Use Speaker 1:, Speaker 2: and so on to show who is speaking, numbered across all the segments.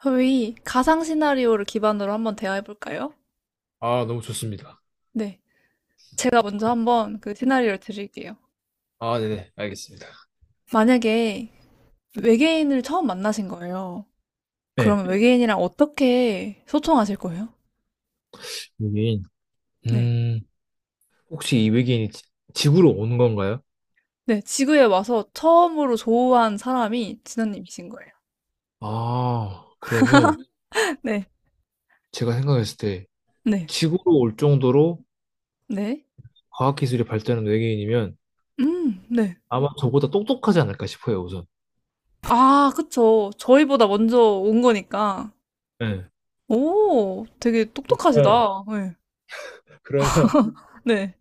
Speaker 1: 저희 가상 시나리오를 기반으로 한번 대화해 볼까요?
Speaker 2: 아, 너무 좋습니다.
Speaker 1: 네. 제가 먼저
Speaker 2: 그럼-
Speaker 1: 한번 그 시나리오를 드릴게요.
Speaker 2: 아, 네네, 알겠습니다.
Speaker 1: 만약에 외계인을 처음 만나신 거예요.
Speaker 2: 네,
Speaker 1: 그러면 외계인이랑 어떻게 소통하실 거예요?
Speaker 2: 외계인.
Speaker 1: 네.
Speaker 2: 음, 혹시 이 외계인이 지구로 오는 건가요?
Speaker 1: 네. 지구에 와서 처음으로 조우한 사람이 진아님이신 거예요.
Speaker 2: 아, 그러면
Speaker 1: 네.
Speaker 2: 제가 생각했을 때
Speaker 1: 네.
Speaker 2: 지구로 올 정도로
Speaker 1: 네.
Speaker 2: 과학기술이 발달한 외계인이면
Speaker 1: 네.
Speaker 2: 아마 저보다 똑똑하지 않을까 싶어요, 우선.
Speaker 1: 아, 그쵸. 저희보다 먼저 온 거니까.
Speaker 2: 네.
Speaker 1: 오, 되게
Speaker 2: 어,
Speaker 1: 똑똑하시다. 네.
Speaker 2: 그러면,
Speaker 1: 네.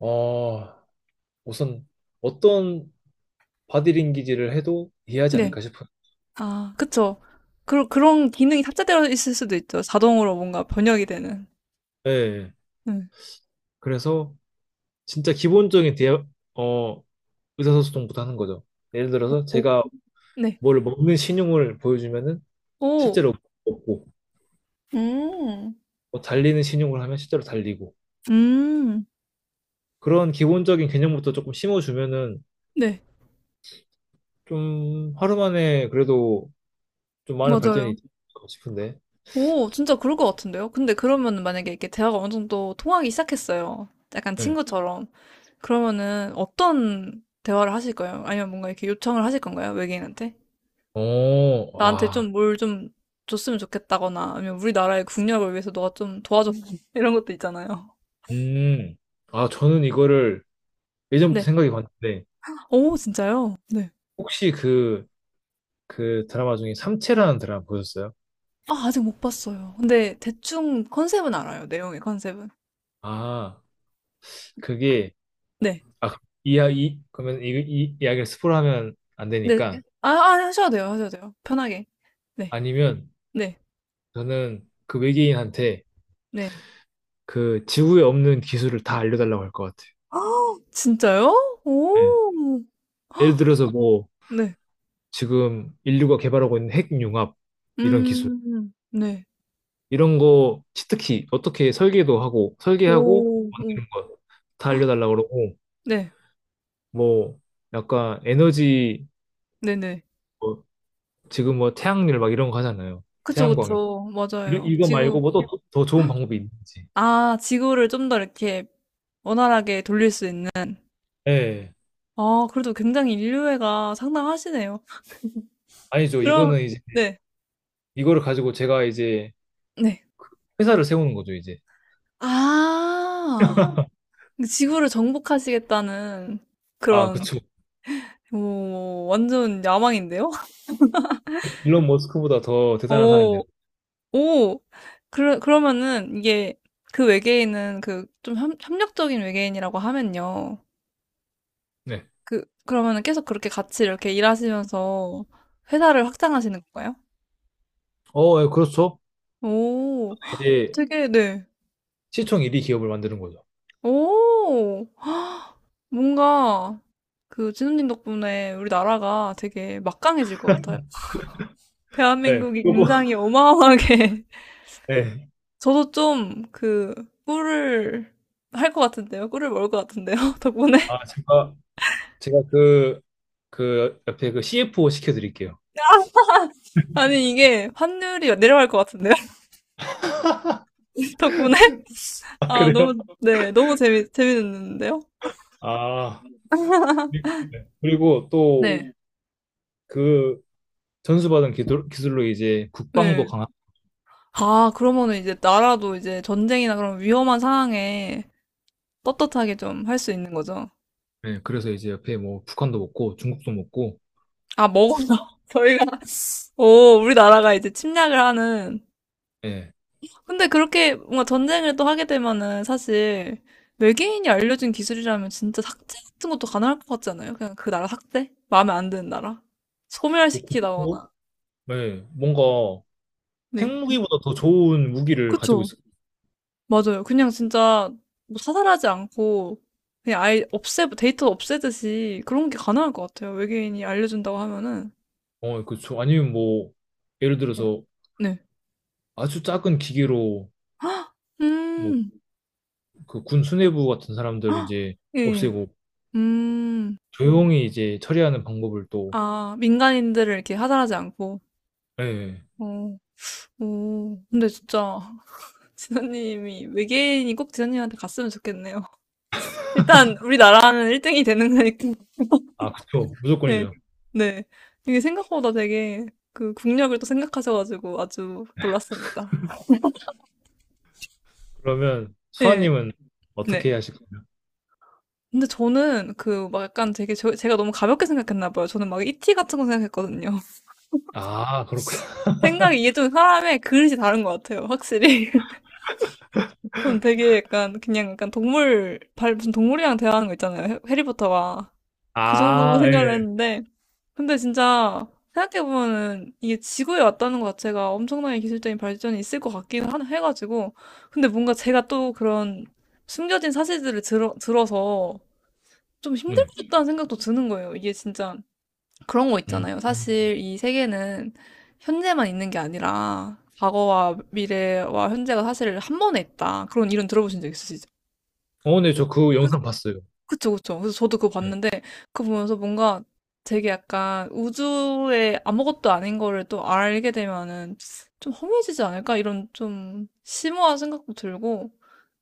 Speaker 2: 어, 우선 어떤 바디링귀지를 해도 이해하지
Speaker 1: 네.
Speaker 2: 않을까 싶어요.
Speaker 1: 아, 그쵸. 그런 기능이 탑재되어 있을 수도 있죠. 자동으로 뭔가 번역이 되는.
Speaker 2: 네.
Speaker 1: 음.
Speaker 2: 그래서 진짜 기본적인 의사소통부터 하는 거죠. 예를 들어서 제가
Speaker 1: 네.
Speaker 2: 뭘 먹는 신용을 보여주면은
Speaker 1: 오,
Speaker 2: 실제로 먹고,
Speaker 1: 음,
Speaker 2: 뭐 달리는 신용을 하면 실제로 달리고,
Speaker 1: 음,
Speaker 2: 그런 기본적인 개념부터 조금 심어주면은
Speaker 1: 네.
Speaker 2: 좀 하루 만에 그래도 좀 많은 발전이
Speaker 1: 맞아요.
Speaker 2: 있지 않을까 싶은데.
Speaker 1: 오, 진짜 그럴 것 같은데요? 근데 그러면 만약에 이렇게 대화가 어느 정도 통하기 시작했어요. 약간
Speaker 2: 네.
Speaker 1: 친구처럼. 그러면은 어떤 대화를 하실 거예요? 아니면 뭔가 이렇게 요청을 하실 건가요? 외계인한테?
Speaker 2: 어,
Speaker 1: 나한테
Speaker 2: 아,
Speaker 1: 좀 뭘 좀 줬으면 좋겠다거나, 아니면 우리나라의 국력을 위해서 너가 좀 도와줘. 이런 것도 있잖아요.
Speaker 2: 음. 아, 저는 이거를 예전부터
Speaker 1: 네.
Speaker 2: 생각이 갔는데
Speaker 1: 오, 진짜요? 네.
Speaker 2: 혹시 그 드라마 중에 삼체라는 드라마 보셨어요?
Speaker 1: 아 아직 못 봤어요. 근데 대충 컨셉은 알아요, 내용의 컨셉은.
Speaker 2: 아, 그게,
Speaker 1: 네.
Speaker 2: 아, 이야 이 그러면 이 이야기를 스포를 하면 안
Speaker 1: 네.
Speaker 2: 되니까.
Speaker 1: 아 아 하셔도 돼요, 하셔도 돼요. 편하게. 네.
Speaker 2: 아니면
Speaker 1: 네.
Speaker 2: 저는 그 외계인한테
Speaker 1: 네.
Speaker 2: 그 지구에 없는 기술을 다 알려달라고 할 것 같아.
Speaker 1: 아, 진짜요?
Speaker 2: 음.
Speaker 1: 오.
Speaker 2: 예를 들어서 뭐
Speaker 1: 네.
Speaker 2: 지금 인류가 개발하고 있는 핵융합 이런 기술,
Speaker 1: 음. 네.
Speaker 2: 이런 거 치트키 어떻게 설계도 하고 설계하고
Speaker 1: 오. 오.
Speaker 2: 만드는 거 다 알려달라고 그러고,
Speaker 1: 네.
Speaker 2: 뭐 약간 에너지,
Speaker 1: 네네.
Speaker 2: 뭐 지금 뭐 태양열 막 이런 거 하잖아요.
Speaker 1: 그쵸,
Speaker 2: 태양광
Speaker 1: 그쵸.
Speaker 2: 이런
Speaker 1: 맞아요.
Speaker 2: 이거 말고
Speaker 1: 지구
Speaker 2: 뭐 또 더 좋은 방법이 있는지.
Speaker 1: 아 지구를 좀 더 이렇게 원활하게 돌릴 수 있는
Speaker 2: 예.
Speaker 1: 아 그래도 굉장히 인류애가 상당하시네요.
Speaker 2: 아니죠.
Speaker 1: 그럼
Speaker 2: 이거는 이제
Speaker 1: 네.
Speaker 2: 이거를 가지고 제가 이제
Speaker 1: 네.
Speaker 2: 회사를 세우는 거죠, 이제.
Speaker 1: 아. 지구를 정복하시겠다는
Speaker 2: 아,
Speaker 1: 그런,
Speaker 2: 그쵸.
Speaker 1: 오, 완전 야망인데요?
Speaker 2: 일론 머스크보다 더 대단한 사람이 되는
Speaker 1: 오, 오, 그러면은 이게 그 외계인은 그 좀 협력적인 외계인이라고 하면요.
Speaker 2: 거죠. 네.
Speaker 1: 그러면은 계속 그렇게 같이 이렇게 일하시면서 회사를 확장하시는 건가요?
Speaker 2: 어, 예, 그렇죠.
Speaker 1: 오,
Speaker 2: 이제
Speaker 1: 되게, 네.
Speaker 2: 시총 1위 기업을 만드는 거죠.
Speaker 1: 오, 뭔가 그 진우님 덕분에 우리 나라가 되게 막강해질 것 같아요.
Speaker 2: 네.
Speaker 1: 대한민국이
Speaker 2: 그
Speaker 1: 굉장히 어마어마하게
Speaker 2: 네.
Speaker 1: 저도 좀 그 꿀을 할 것 같은데요. 꿀을 먹을 것 같은데요. 덕분에.
Speaker 2: 아, 제가 그 옆에 그 CFO 시켜드릴게요.
Speaker 1: 아니, 이게 환율이 내려갈 것 같은데요. 덕분에.
Speaker 2: 아,
Speaker 1: 아, 너무,
Speaker 2: 그래요?
Speaker 1: 네, 너무 재밌는데요?
Speaker 2: 아, 네. 그리고 또
Speaker 1: 네.
Speaker 2: 그 기술로 이제 국방도
Speaker 1: 네.
Speaker 2: 강한.
Speaker 1: 아, 그러면은 이제 나라도 이제 전쟁이나 그런 위험한 상황에 떳떳하게 좀 할 수 있는 거죠.
Speaker 2: 네. 그래서 이제 옆에 뭐 북한도 먹고 중국도 먹고.
Speaker 1: 아, 먹었나? 저희가, 오, 우리나라가 이제 침략을 하는
Speaker 2: 네.
Speaker 1: 근데 그렇게 뭔가 전쟁을 또 하게 되면은 사실 외계인이 알려준 기술이라면 진짜 삭제 같은 것도 가능할 것 같지 않아요? 그냥 그 나라 삭제? 마음에 안 드는 나라?
Speaker 2: 뭐
Speaker 1: 소멸시키다거나.
Speaker 2: 국도? 네. 뭔가
Speaker 1: 네.
Speaker 2: 핵무기보다 더 좋은 무기를 가지고
Speaker 1: 그쵸.
Speaker 2: 있어요.
Speaker 1: 맞아요. 그냥 진짜 뭐 사살하지 않고 그냥 아예 없애, 데이터 없애듯이 그런 게 가능할 것 같아요. 외계인이 알려준다고 하면은.
Speaker 2: 어, 그렇죠. 아니면 뭐, 예를 들어서
Speaker 1: 네.
Speaker 2: 아주 작은 기계로 뭐
Speaker 1: 음,
Speaker 2: 그 군 수뇌부 같은 사람들 이제
Speaker 1: 예, 예.
Speaker 2: 없애고
Speaker 1: 음,
Speaker 2: 조용히 이제 처리하는 방법을 또.
Speaker 1: 아, 민간인들을 이렇게 하살하지 않고.
Speaker 2: 예. 예.
Speaker 1: 어, 오, 근데 진짜 지선님이 외계인이 꼭 지선님한테 갔으면 좋겠네요. 일단 우리나라는 1등이 되는 거니까.
Speaker 2: 아, 그쵸.
Speaker 1: 네.
Speaker 2: 무조건이죠.
Speaker 1: 네. 이게 생각보다 되게 그 국력을 또 생각하셔가지고 아주 놀랐습니다.
Speaker 2: 그러면
Speaker 1: 네.
Speaker 2: 수아님은
Speaker 1: 네.
Speaker 2: 어떻게 하실 거예요?
Speaker 1: 근데 저는 그 막 약간 되게 저- 제가 너무 가볍게 생각했나 봐요. 저는 막 이티 같은 거 생각했거든요.
Speaker 2: 아, 그렇구나.
Speaker 1: 생각이 이게 좀 사람의 그릇이 다른 것 같아요. 확실히. 저는 되게 약간 그냥 약간 동물 발 무슨 동물이랑 대화하는 거 있잖아요. 해리포터가 그 정도로
Speaker 2: 아,
Speaker 1: 생각을
Speaker 2: 예.
Speaker 1: 했는데 근데 진짜 생각해보면은 이게 지구에 왔다는 것 자체가 엄청나게 기술적인 발전이 있을 것 같긴 한, 해가지고. 근데 뭔가 제가 또 그런 숨겨진 사실들을 들어서 좀 힘들
Speaker 2: 네.
Speaker 1: 것 같다는 생각도 드는 거예요. 이게 진짜 그런 거
Speaker 2: 음.
Speaker 1: 있잖아요. 사실 이 세계는 현재만 있는 게 아니라 과거와 미래와 현재가 사실 한 번에 있다. 그런 이론 들어보신 적 있으시죠?
Speaker 2: 어, 네, 저 그 영상 봤어요.
Speaker 1: 그쵸, 그쵸. 그래서 저도 그거
Speaker 2: 네.
Speaker 1: 봤는데 그거 보면서 뭔가 되게 약간 우주에 아무것도 아닌 거를 또 알게 되면은 좀 허무해지지 않을까? 이런 좀 심오한 생각도 들고.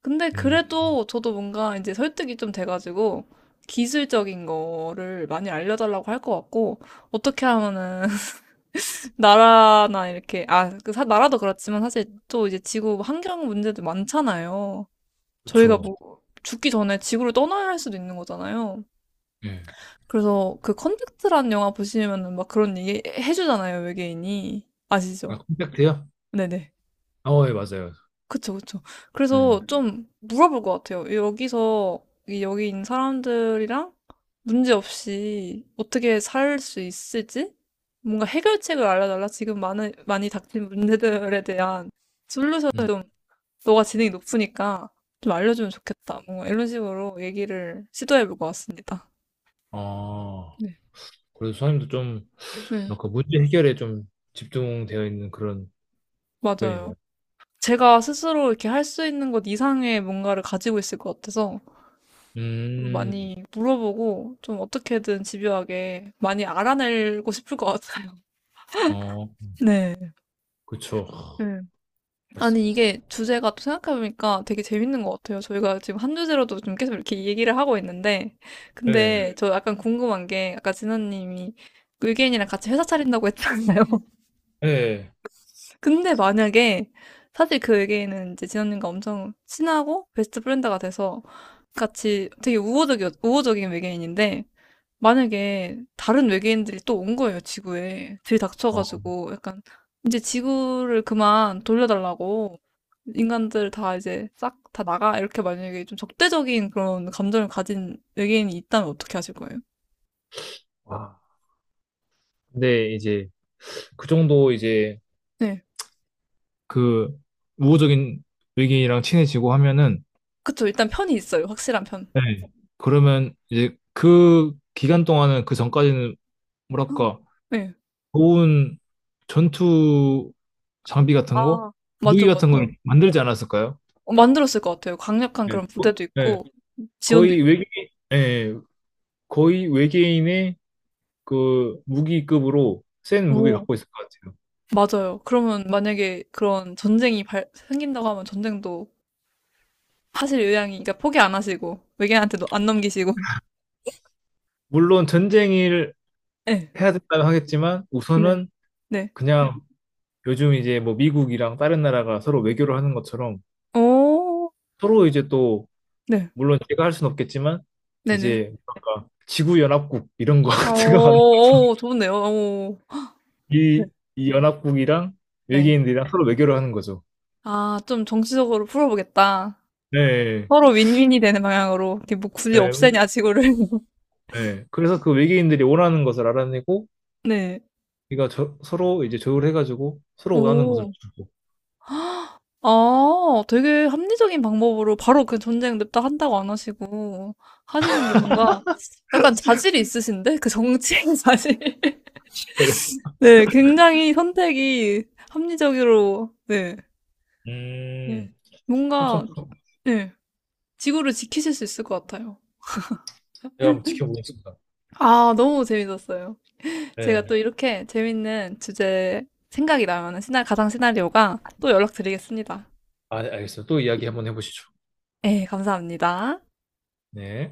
Speaker 1: 근데
Speaker 2: 음.
Speaker 1: 그래도 저도 뭔가 이제 설득이 좀 돼가지고 기술적인 거를 많이 알려달라고 할 것 같고 어떻게 하면은 나라나 이렇게 아, 그 사- 나라도 그렇지만 사실 또 이제 지구 환경 문제도 많잖아요. 저희가
Speaker 2: 그쵸.
Speaker 1: 뭐 죽기 전에 지구를 떠나야 할 수도 있는 거잖아요.
Speaker 2: 예.
Speaker 1: 그래서 그 컨택트란 영화 보시면은 막 그런 얘기 해주잖아요, 외계인이. 아시죠?
Speaker 2: 아, 콘택트요?
Speaker 1: 네네.
Speaker 2: 어, 예, 맞아요.
Speaker 1: 그쵸, 그쵸.
Speaker 2: 네.
Speaker 1: 그래서 좀 물어볼 것 같아요. 여기서, 이 여기 있는 사람들이랑 문제없이 어떻게 살 수 있을지? 뭔가 해결책을 알려달라. 지금 많이 닥친 문제들에 대한
Speaker 2: 음.
Speaker 1: 좀, 너가 지능이 높으니까 좀 알려주면 좋겠다. 뭔가 이런 식으로 얘기를 시도해볼 것 같습니다.
Speaker 2: 아,
Speaker 1: 네.
Speaker 2: 그래서 수아님도 좀
Speaker 1: 네,
Speaker 2: 뭔가 문제 해결에 좀 집중되어 있는 그런
Speaker 1: 맞아요.
Speaker 2: 답변이네요.
Speaker 1: 제가 스스로 이렇게 할 수 있는 것 이상의 뭔가를 가지고 있을 것 같아서 좀
Speaker 2: 음.
Speaker 1: 많이 물어보고 좀 어떻게든 집요하게 많이 알아내고 싶을 것 같아요.
Speaker 2: 어,
Speaker 1: 네.
Speaker 2: 그쵸.
Speaker 1: 네. 아니,
Speaker 2: 맞습니다.
Speaker 1: 이게 주제가 또 생각해보니까 되게 재밌는 것 같아요. 저희가 지금 한 주제로도 좀 계속 이렇게 얘기를 하고 있는데,
Speaker 2: 예,
Speaker 1: 근데 저 약간 궁금한 게, 아까 진아님이 의견이랑 같이 회사 차린다고 했잖아요.
Speaker 2: 예.
Speaker 1: 근데 만약에 사실 그 외계인은 이제 진원님과 엄청 친하고 베스트 프렌드가 돼서 같이 되게 우호적인 외계인인데 만약에 다른 외계인들이 또 온 거예요, 지구에.
Speaker 2: 어,
Speaker 1: 들이닥쳐가지고 약간 이제 지구를 그만 돌려달라고 인간들 다 이제 싹 다 나가 이렇게 만약에 좀 적대적인 그런 감정을 가진 외계인이 있다면 어떻게 하실 거예요?
Speaker 2: 와. 근데 이제 그 정도 이제
Speaker 1: 네.
Speaker 2: 그 우호적인 의견이랑 친해지고 하면은,
Speaker 1: 그쵸. 일단 편이 있어요. 확실한 편.
Speaker 2: 예. 그러면 이제 그 기간 동안은 그 전까지는
Speaker 1: 응.
Speaker 2: 뭐랄까,
Speaker 1: 네.
Speaker 2: 좋은 전투 장비 같은 거?
Speaker 1: 아,
Speaker 2: 무기
Speaker 1: 맞죠,
Speaker 2: 같은
Speaker 1: 맞죠.
Speaker 2: 걸 만들지 않았을까요?
Speaker 1: 어 만들었을 것 같아요. 강력한
Speaker 2: 예.
Speaker 1: 그런 부대도
Speaker 2: 예.
Speaker 1: 있고 지원도
Speaker 2: 거의
Speaker 1: 있고.
Speaker 2: 예. 거의 외계인의 그 무기급으로 센 무기
Speaker 1: 오.
Speaker 2: 갖고 있을 것 같아요.
Speaker 1: 맞아요. 그러면 만약에 그런 전쟁이 발 생긴다고 하면 전쟁도 하실 의향이 그러니까 포기 안 하시고 외계인한테도 안 넘기시고.
Speaker 2: 물론 전쟁을
Speaker 1: 네.
Speaker 2: 해야 된다고 하겠지만 우선은,
Speaker 1: 네. 네.
Speaker 2: 그냥 요즘 이제 뭐 미국이랑 다른 나라가 서로 외교를 하는 것처럼
Speaker 1: 오.
Speaker 2: 서로 이제 또,
Speaker 1: 네.
Speaker 2: 물론 제가 할 수는 없겠지만
Speaker 1: 네네.
Speaker 2: 이제 뭔가 지구 연합국 이런 거 같은 거는,
Speaker 1: 오. 오, 좋은데요. 오. 네.
Speaker 2: 이, 이 연합국이랑
Speaker 1: 네.
Speaker 2: 외계인들이랑 서로 외교를 하는 거죠.
Speaker 1: 아 좀 정치적으로 풀어 보겠다.
Speaker 2: 네,
Speaker 1: 서로 윈윈이 되는 방향으로 이렇게 뭐 굳이
Speaker 2: 네,
Speaker 1: 없애냐 지구를.
Speaker 2: 네. 그래서 그 외계인들이 원하는 것을 알아내고
Speaker 1: 네.
Speaker 2: 우리가 서로 이제 조율해가지고 서로 원하는 것을
Speaker 1: 오.
Speaker 2: 주고.
Speaker 1: 아 되게 합리적인 방법으로 바로 그 전쟁 냅다 한다고 안 하시고 하시는 게 뭔가 약간 자질이 있으신데? 그 정치의 자질.
Speaker 2: 그래.
Speaker 1: 네, 굉장히 선택이 합리적으로 네. 네.
Speaker 2: 음, 엄청
Speaker 1: 뭔가
Speaker 2: 큰 거.
Speaker 1: 네. 지구를 지키실 수 있을 것 같아요.
Speaker 2: 제가 한번 지켜보겠습니다.
Speaker 1: 아, 너무 재밌었어요. 제가
Speaker 2: 네.
Speaker 1: 또 이렇게 재밌는 주제 생각이 나면은 시나 가상 시나리오가 또 연락드리겠습니다.
Speaker 2: 아, 알겠습니다. 또 이야기 한번 해보시죠.
Speaker 1: 네, 감사합니다.
Speaker 2: 네.